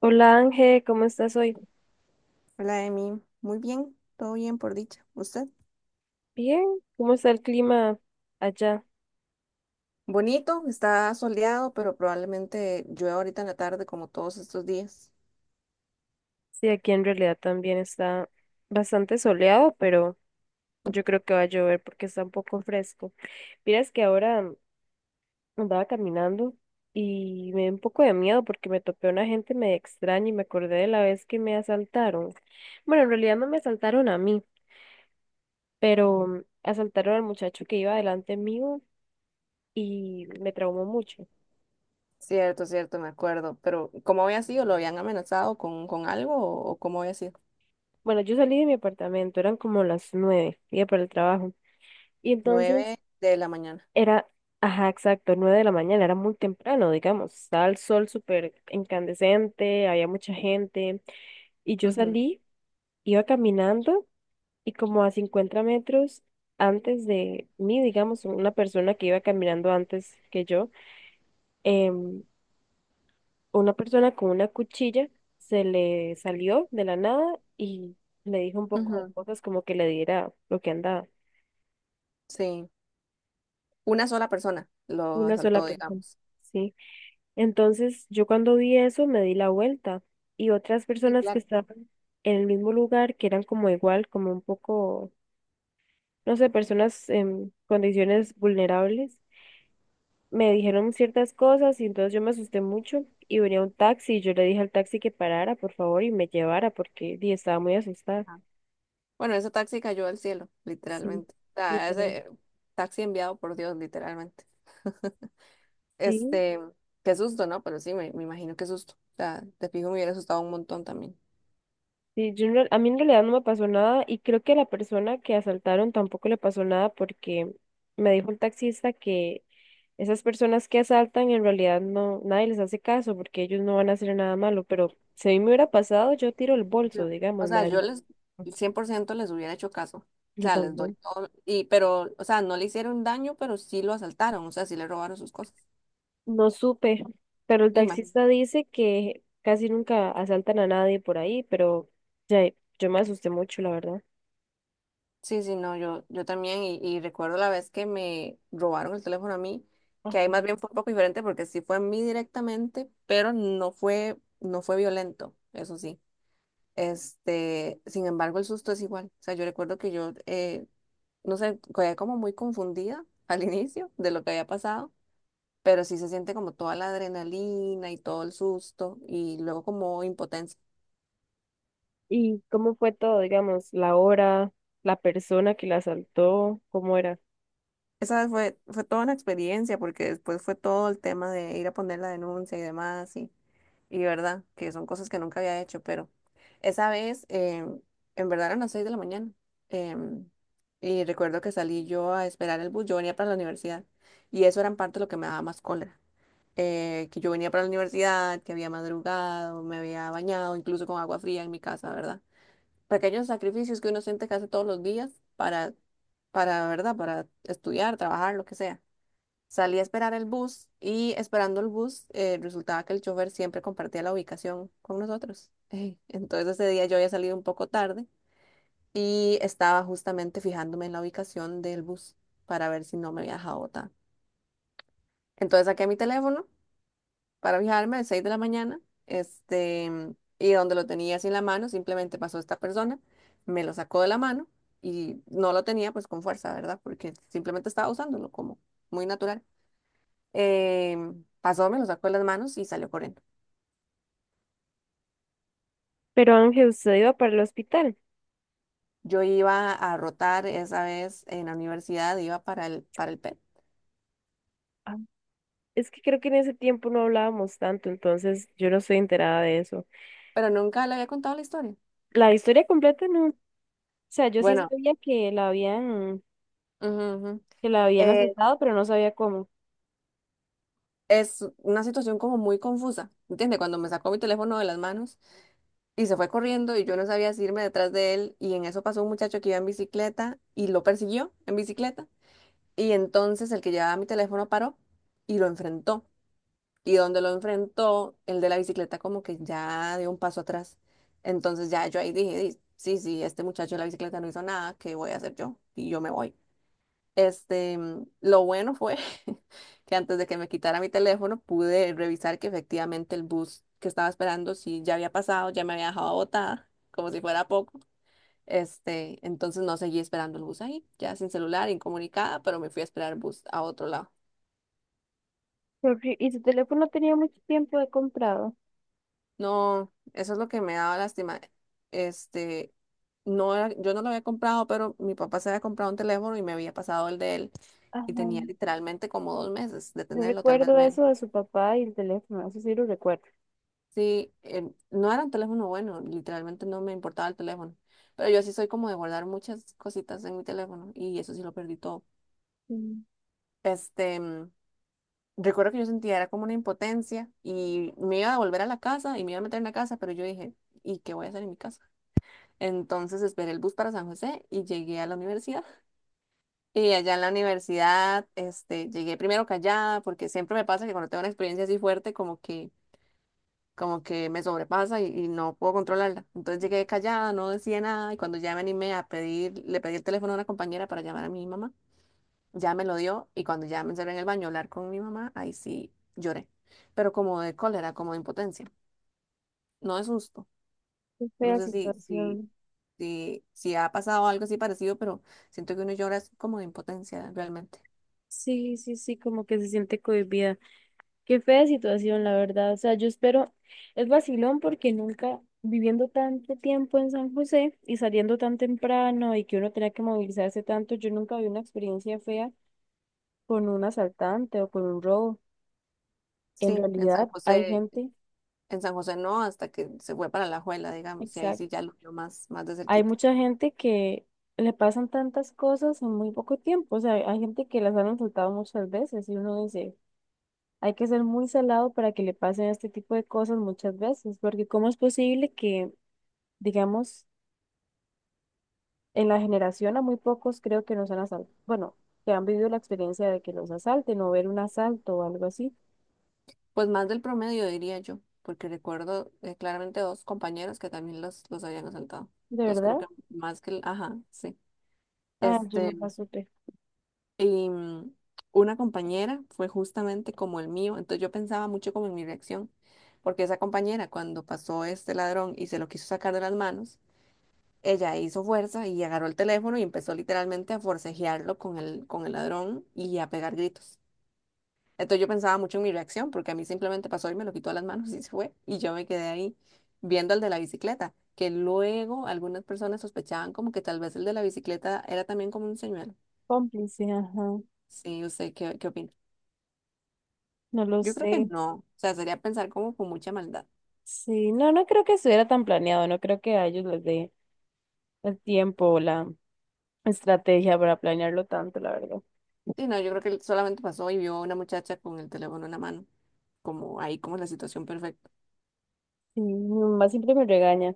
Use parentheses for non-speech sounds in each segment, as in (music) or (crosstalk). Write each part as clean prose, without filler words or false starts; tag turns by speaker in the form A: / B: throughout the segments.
A: Hola Ángel, ¿cómo estás hoy?
B: Hola, Emi. Muy bien, todo bien por dicha. ¿Usted?
A: Bien, ¿cómo está el clima allá?
B: Bonito, está soleado, pero probablemente llueva ahorita en la tarde como todos estos días.
A: Sí, aquí en realidad también está bastante soleado, pero yo creo que va a llover porque está un poco fresco. Mira, es que ahora andaba caminando y me dio un poco de miedo porque me topé a una gente medio extraña y me acordé de la vez que me asaltaron. Bueno, en realidad no me asaltaron a mí, pero asaltaron al muchacho que iba delante mío y me traumó mucho.
B: Cierto, cierto, me acuerdo. Pero ¿cómo había sido? ¿Lo habían amenazado con algo o cómo había sido?
A: Bueno, yo salí de mi apartamento, eran como las 9, iba para el trabajo. Y entonces
B: Nueve de la mañana.
A: era, ajá, exacto, 9 de la mañana, era muy temprano, digamos, estaba el sol súper incandescente, había mucha gente, y yo
B: Ujú,
A: salí, iba caminando, y como a 50 metros antes de mí, digamos, una persona que iba caminando antes que yo, em, una persona con una cuchilla se le salió de la nada y le dijo un poco de
B: ujú,
A: cosas como que le diera lo que andaba,
B: sí, una sola persona lo
A: una sola
B: asaltó,
A: persona,
B: digamos.
A: sí. Entonces, yo cuando vi eso me di la vuelta y otras
B: Sí,
A: personas que
B: claro.
A: estaban en el mismo lugar, que eran como igual, como un poco, no sé, personas en condiciones vulnerables, me dijeron ciertas cosas y entonces yo me asusté mucho y venía un taxi y yo le dije al taxi que parara, por favor, y me llevara estaba muy asustada.
B: Ajá. Bueno, ese taxi cayó al cielo,
A: Sí,
B: literalmente. O sea,
A: literal.
B: ese taxi enviado por Dios, literalmente.
A: Sí.
B: Este, qué susto, ¿no? Pero sí, me imagino qué susto. O sea, te fijo, me hubiera asustado un montón también.
A: Sí, yo a mí en realidad no me pasó nada y creo que a la persona que asaltaron tampoco le pasó nada porque me dijo el taxista que esas personas que asaltan en realidad no, nadie les hace caso porque ellos no van a hacer nada malo, pero si a mí me hubiera pasado, yo tiro el bolso,
B: Yo, o
A: digamos, me
B: sea, yo
A: daría.
B: les,
A: (laughs)
B: 100% les hubiera hecho caso. O
A: Yo
B: sea, les doy
A: también.
B: todo. Y, pero, o sea, no le hicieron daño, pero sí lo asaltaron. O sea, sí le robaron sus cosas.
A: No supe, pero el
B: Me imagino.
A: taxista dice que casi nunca asaltan a nadie por ahí, pero ya, yo me asusté mucho, la verdad.
B: Sí, sí, no, yo también. Y recuerdo la vez que me robaron el teléfono a mí, que ahí más bien fue un poco diferente porque sí fue a mí directamente, pero no fue violento, eso sí. Este, sin embargo, el susto es igual. O sea, yo recuerdo que yo, no sé, quedé como muy confundida (laughs) al inicio de lo que había pasado, pero sí se siente como toda la adrenalina y todo el susto y luego como impotencia.
A: ¿Y cómo fue todo, digamos, la hora, la persona que la asaltó, cómo era?
B: Esa vez fue toda una experiencia porque después fue todo el tema de ir a poner la denuncia y demás y verdad, que son cosas que nunca había hecho, pero esa vez, en verdad eran las 6 de la mañana em, y recuerdo que salí yo a esperar el bus, yo venía para la universidad y eso era en parte lo que me daba más cólera, que yo venía para la universidad, que había madrugado, me había bañado incluso con agua fría en mi casa, ¿verdad? Pequeños sacrificios que uno siente que hace todos los días para, ¿verdad? Para estudiar, trabajar, lo que sea. Salí a esperar el bus y esperando el bus, resultaba que el chofer siempre compartía la ubicación con nosotros. (laughs) Ey, entonces ese día yo había salido un poco tarde y estaba justamente fijándome en la ubicación del bus para ver si no me había dejado botada. Entonces saqué mi teléfono para fijarme a las 6 de la mañana, y donde lo tenía así en la mano, simplemente pasó esta persona, me lo sacó de la mano y no lo tenía pues con fuerza, ¿verdad? Porque simplemente estaba usándolo como muy natural. Pasó, me lo sacó de las manos y salió corriendo.
A: Pero Ángel, usted iba para el hospital.
B: Yo iba a rotar esa vez en la universidad, iba para para el PET,
A: Ah. Es que creo que en ese tiempo no hablábamos tanto, entonces yo no estoy enterada de eso.
B: pero nunca le había contado la historia.
A: La historia completa no. O sea, yo sí
B: Bueno,
A: sabía
B: ujú, ujú.
A: que la habían
B: Eh,
A: asaltado, pero no sabía cómo.
B: es una situación como muy confusa, ¿entiendes? Cuando me sacó mi teléfono de las manos, y se fue corriendo y yo no sabía si irme detrás de él y en eso pasó un muchacho que iba en bicicleta y lo persiguió en bicicleta y entonces el que llevaba mi teléfono paró y lo enfrentó y donde lo enfrentó el de la bicicleta como que ya dio un paso atrás, entonces ya yo ahí dije: "Di- sí, sí, este muchacho de la bicicleta no hizo nada, ¿qué voy a hacer yo?" Y yo me voy. Lo bueno fue (laughs) que antes de que me quitara mi teléfono pude revisar que efectivamente el bus que estaba esperando sí ya había pasado, ya me había dejado botada, como si fuera poco. Este, entonces no seguí esperando el bus ahí, ya sin celular, incomunicada, pero me fui a esperar el bus a otro lado.
A: Porque... Y su teléfono tenía mucho tiempo de comprado.
B: No, eso es lo que me daba lástima. Este, no era- yo no lo había comprado, pero mi papá se había comprado un teléfono y me había pasado el de él y tenía
A: Ajá.
B: literalmente como 2 meses de
A: Yo
B: tenerlo, tal vez
A: recuerdo
B: menos.
A: eso de su papá y el teléfono, eso sí lo recuerdo.
B: Sí, no era un teléfono bueno, literalmente no me importaba el teléfono, pero yo sí soy como de guardar muchas cositas en mi teléfono y eso sí lo perdí todo.
A: Sí,
B: Este, mm, Recuerdo que yo sentía era como una impotencia y me iba a volver a la casa y me iba a meter en la casa, pero yo dije, ¿y qué voy a hacer en mi casa? Entonces esperé el bus para San José y llegué a la universidad. (laughs) Y allá en la universidad, este, llegué primero callada porque siempre me pasa que cuando tengo una experiencia así fuerte, como que me sobrepasa y no puedo controlarla. Entonces llegué callada, no decía nada y cuando ya me animé a pedir, le pedí el teléfono a una compañera para llamar a mi mamá, ya me lo dio y cuando ya me encerré en el baño a hablar con mi mamá, ahí sí lloré, pero como de cólera, como de impotencia, no de susto.
A: qué
B: No
A: fea
B: sé si, si,
A: situación.
B: si, si ha pasado algo así parecido, pero siento que uno llora es como de impotencia realmente.
A: Sí, sí, sí, como que se siente cohibida. Qué fea situación, la verdad. O sea, yo espero, es vacilón porque nunca viviendo tanto tiempo en San José y saliendo tan temprano y que uno tenía que movilizarse tanto, yo nunca vi una experiencia fea con un asaltante o con un robo. En
B: Sí,
A: realidad hay gente,
B: En San José no, hasta que se fue para La Juela, digamos, y ahí
A: exacto,
B: sí ya lo vio más, más de
A: hay
B: cerquita.
A: mucha gente que le pasan tantas cosas en muy poco tiempo. O sea, hay gente que las han asaltado muchas veces y uno dice, hay que ser muy salado para que le pasen este tipo de cosas muchas veces, porque ¿cómo es posible que, digamos, en la generación a muy pocos creo que nos han asaltado, bueno, que han vivido la experiencia de que los asalten o ver un asalto o algo así?
B: Pues más del promedio, diría yo, porque recuerdo claramente dos compañeros que también los habían asaltado.
A: ¿De
B: Entonces creo
A: verdad?
B: que más que el, ajá, sí.
A: Ah, yo
B: Este,
A: no la supe.
B: y mm, una compañera fue justamente como el mío, entonces yo pensaba mucho como en mi reacción, porque esa compañera cuando pasó este ladrón y se lo quiso sacar de las manos, ella hizo fuerza y agarró el teléfono y empezó literalmente a forcejearlo con con el ladrón y a pegar gritos. Entonces yo pensaba mucho en mi reacción, porque a mí simplemente pasó y me lo quitó de las manos y se fue. Y yo me quedé ahí viendo al de la bicicleta, que luego algunas personas sospechaban como que tal vez el de la bicicleta era también como un señuelo.
A: Cómplice, ajá.
B: Sí, usted qué opina?
A: No lo
B: Yo creo que
A: sé.
B: no. O sea, sería pensar como con mucha maldad.
A: Sí, no, no creo que estuviera tan planeado, no creo que a ellos les dé el tiempo o la estrategia para planearlo tanto, la verdad.
B: Sí, no, yo creo que él solamente pasó y vio a una muchacha con el teléfono en la mano, como ahí como la situación perfecta.
A: Sí, mi mamá siempre me regaña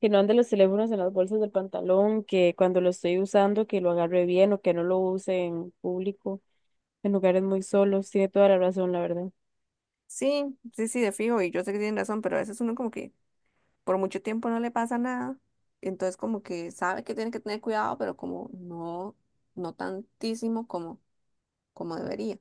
A: que no ande los teléfonos en las bolsas del pantalón, que cuando lo estoy usando, que lo agarre bien o que no lo use en público, en lugares muy solos. Tiene toda la razón, la verdad.
B: Sí, sí, sí, de fijo, y yo sé que tienen razón, pero a veces uno como que por mucho tiempo no le pasa nada, entonces como que sabe que tiene que tener cuidado, pero como no, no tantísimo como, como debería.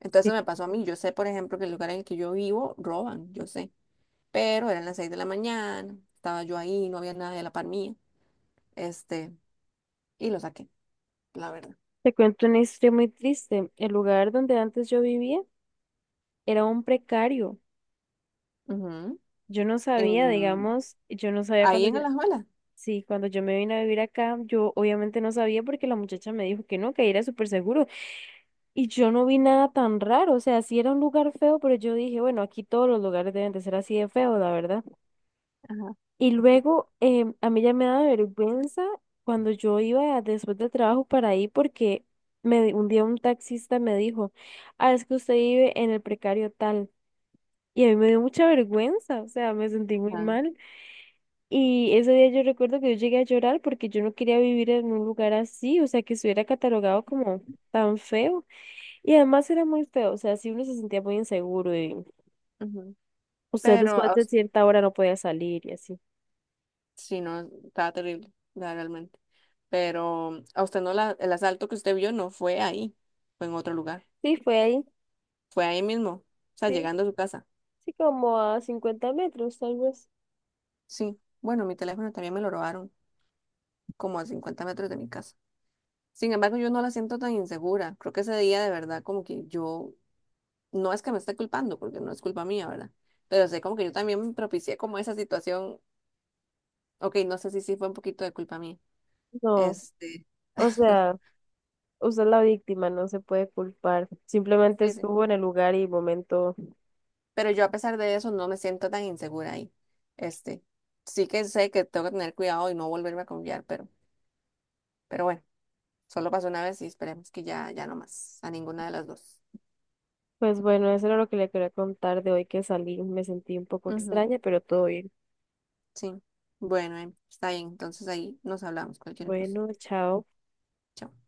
B: Entonces
A: Sí.
B: eso me pasó a mí, yo sé, por ejemplo, que el lugar en el que yo vivo roban, yo sé, pero eran las 6 de la mañana, estaba yo ahí, no había nadie a la par mía, este, y lo saqué, la verdad.
A: Te cuento una historia muy triste. El lugar donde antes yo vivía era un precario.
B: Ujú.
A: Yo no sabía,
B: En-
A: digamos, yo no sabía
B: ahí
A: cuando
B: en
A: yo,
B: Alajuela.
A: sí, cuando yo me vine a vivir acá, yo obviamente no sabía porque la muchacha me dijo que no, que era súper seguro. Y yo no vi nada tan raro, o sea, sí era un lugar feo, pero yo dije, bueno, aquí todos los lugares deben de ser así de feo, la verdad.
B: Ajá,
A: Y luego a mí ya me daba vergüenza cuando yo iba después del trabajo para ahí porque un día un taxista me dijo, ah, es que usted vive en el precario tal. Y a mí me dio mucha vergüenza, o sea, me sentí muy
B: ajá,
A: mal. Y ese día yo recuerdo que yo llegué a llorar porque yo no quería vivir en un lugar así, o sea, que estuviera catalogado como tan feo. Y además era muy feo, o sea, si uno se sentía muy inseguro y
B: ujú.
A: usted
B: Pero,
A: después de cierta hora no podía salir y así.
B: sí, no, estaba terrible, la- realmente. Pero a usted no, el asalto que usted vio no fue ahí, fue en otro lugar.
A: Sí, fue ahí.
B: Fue ahí mismo, o sea, llegando a su casa.
A: Sí, como a 50 metros, tal vez.
B: Sí, bueno, mi teléfono también me lo robaron, como a 50 metros de mi casa. Sin embargo, yo no la siento tan insegura. Creo que ese día de verdad como que yo, no es que me esté culpando, porque no es culpa mía, ¿verdad? Pero sé como que yo también propicié como esa situación. Ok, no sé si sí fue un poquito de culpa mía.
A: No,
B: Este,
A: o
B: (laughs)
A: sea, usted es la víctima, no se puede culpar. Simplemente
B: sí, sí.
A: estuvo en el lugar y momento.
B: Pero yo a pesar de eso no me siento tan insegura ahí. Este, sí que sé que tengo que tener cuidado y no volverme a confiar, pero bueno, solo pasó una vez y esperemos que ya, ya no más, a ninguna de las dos.
A: Pues bueno, eso era lo que le quería contar de hoy que salí. Me sentí un poco
B: Ujú,
A: extraña, pero todo bien.
B: sí. Bueno, está bien, entonces ahí nos hablamos, cualquier cosa.
A: Bueno, chao.
B: Chao.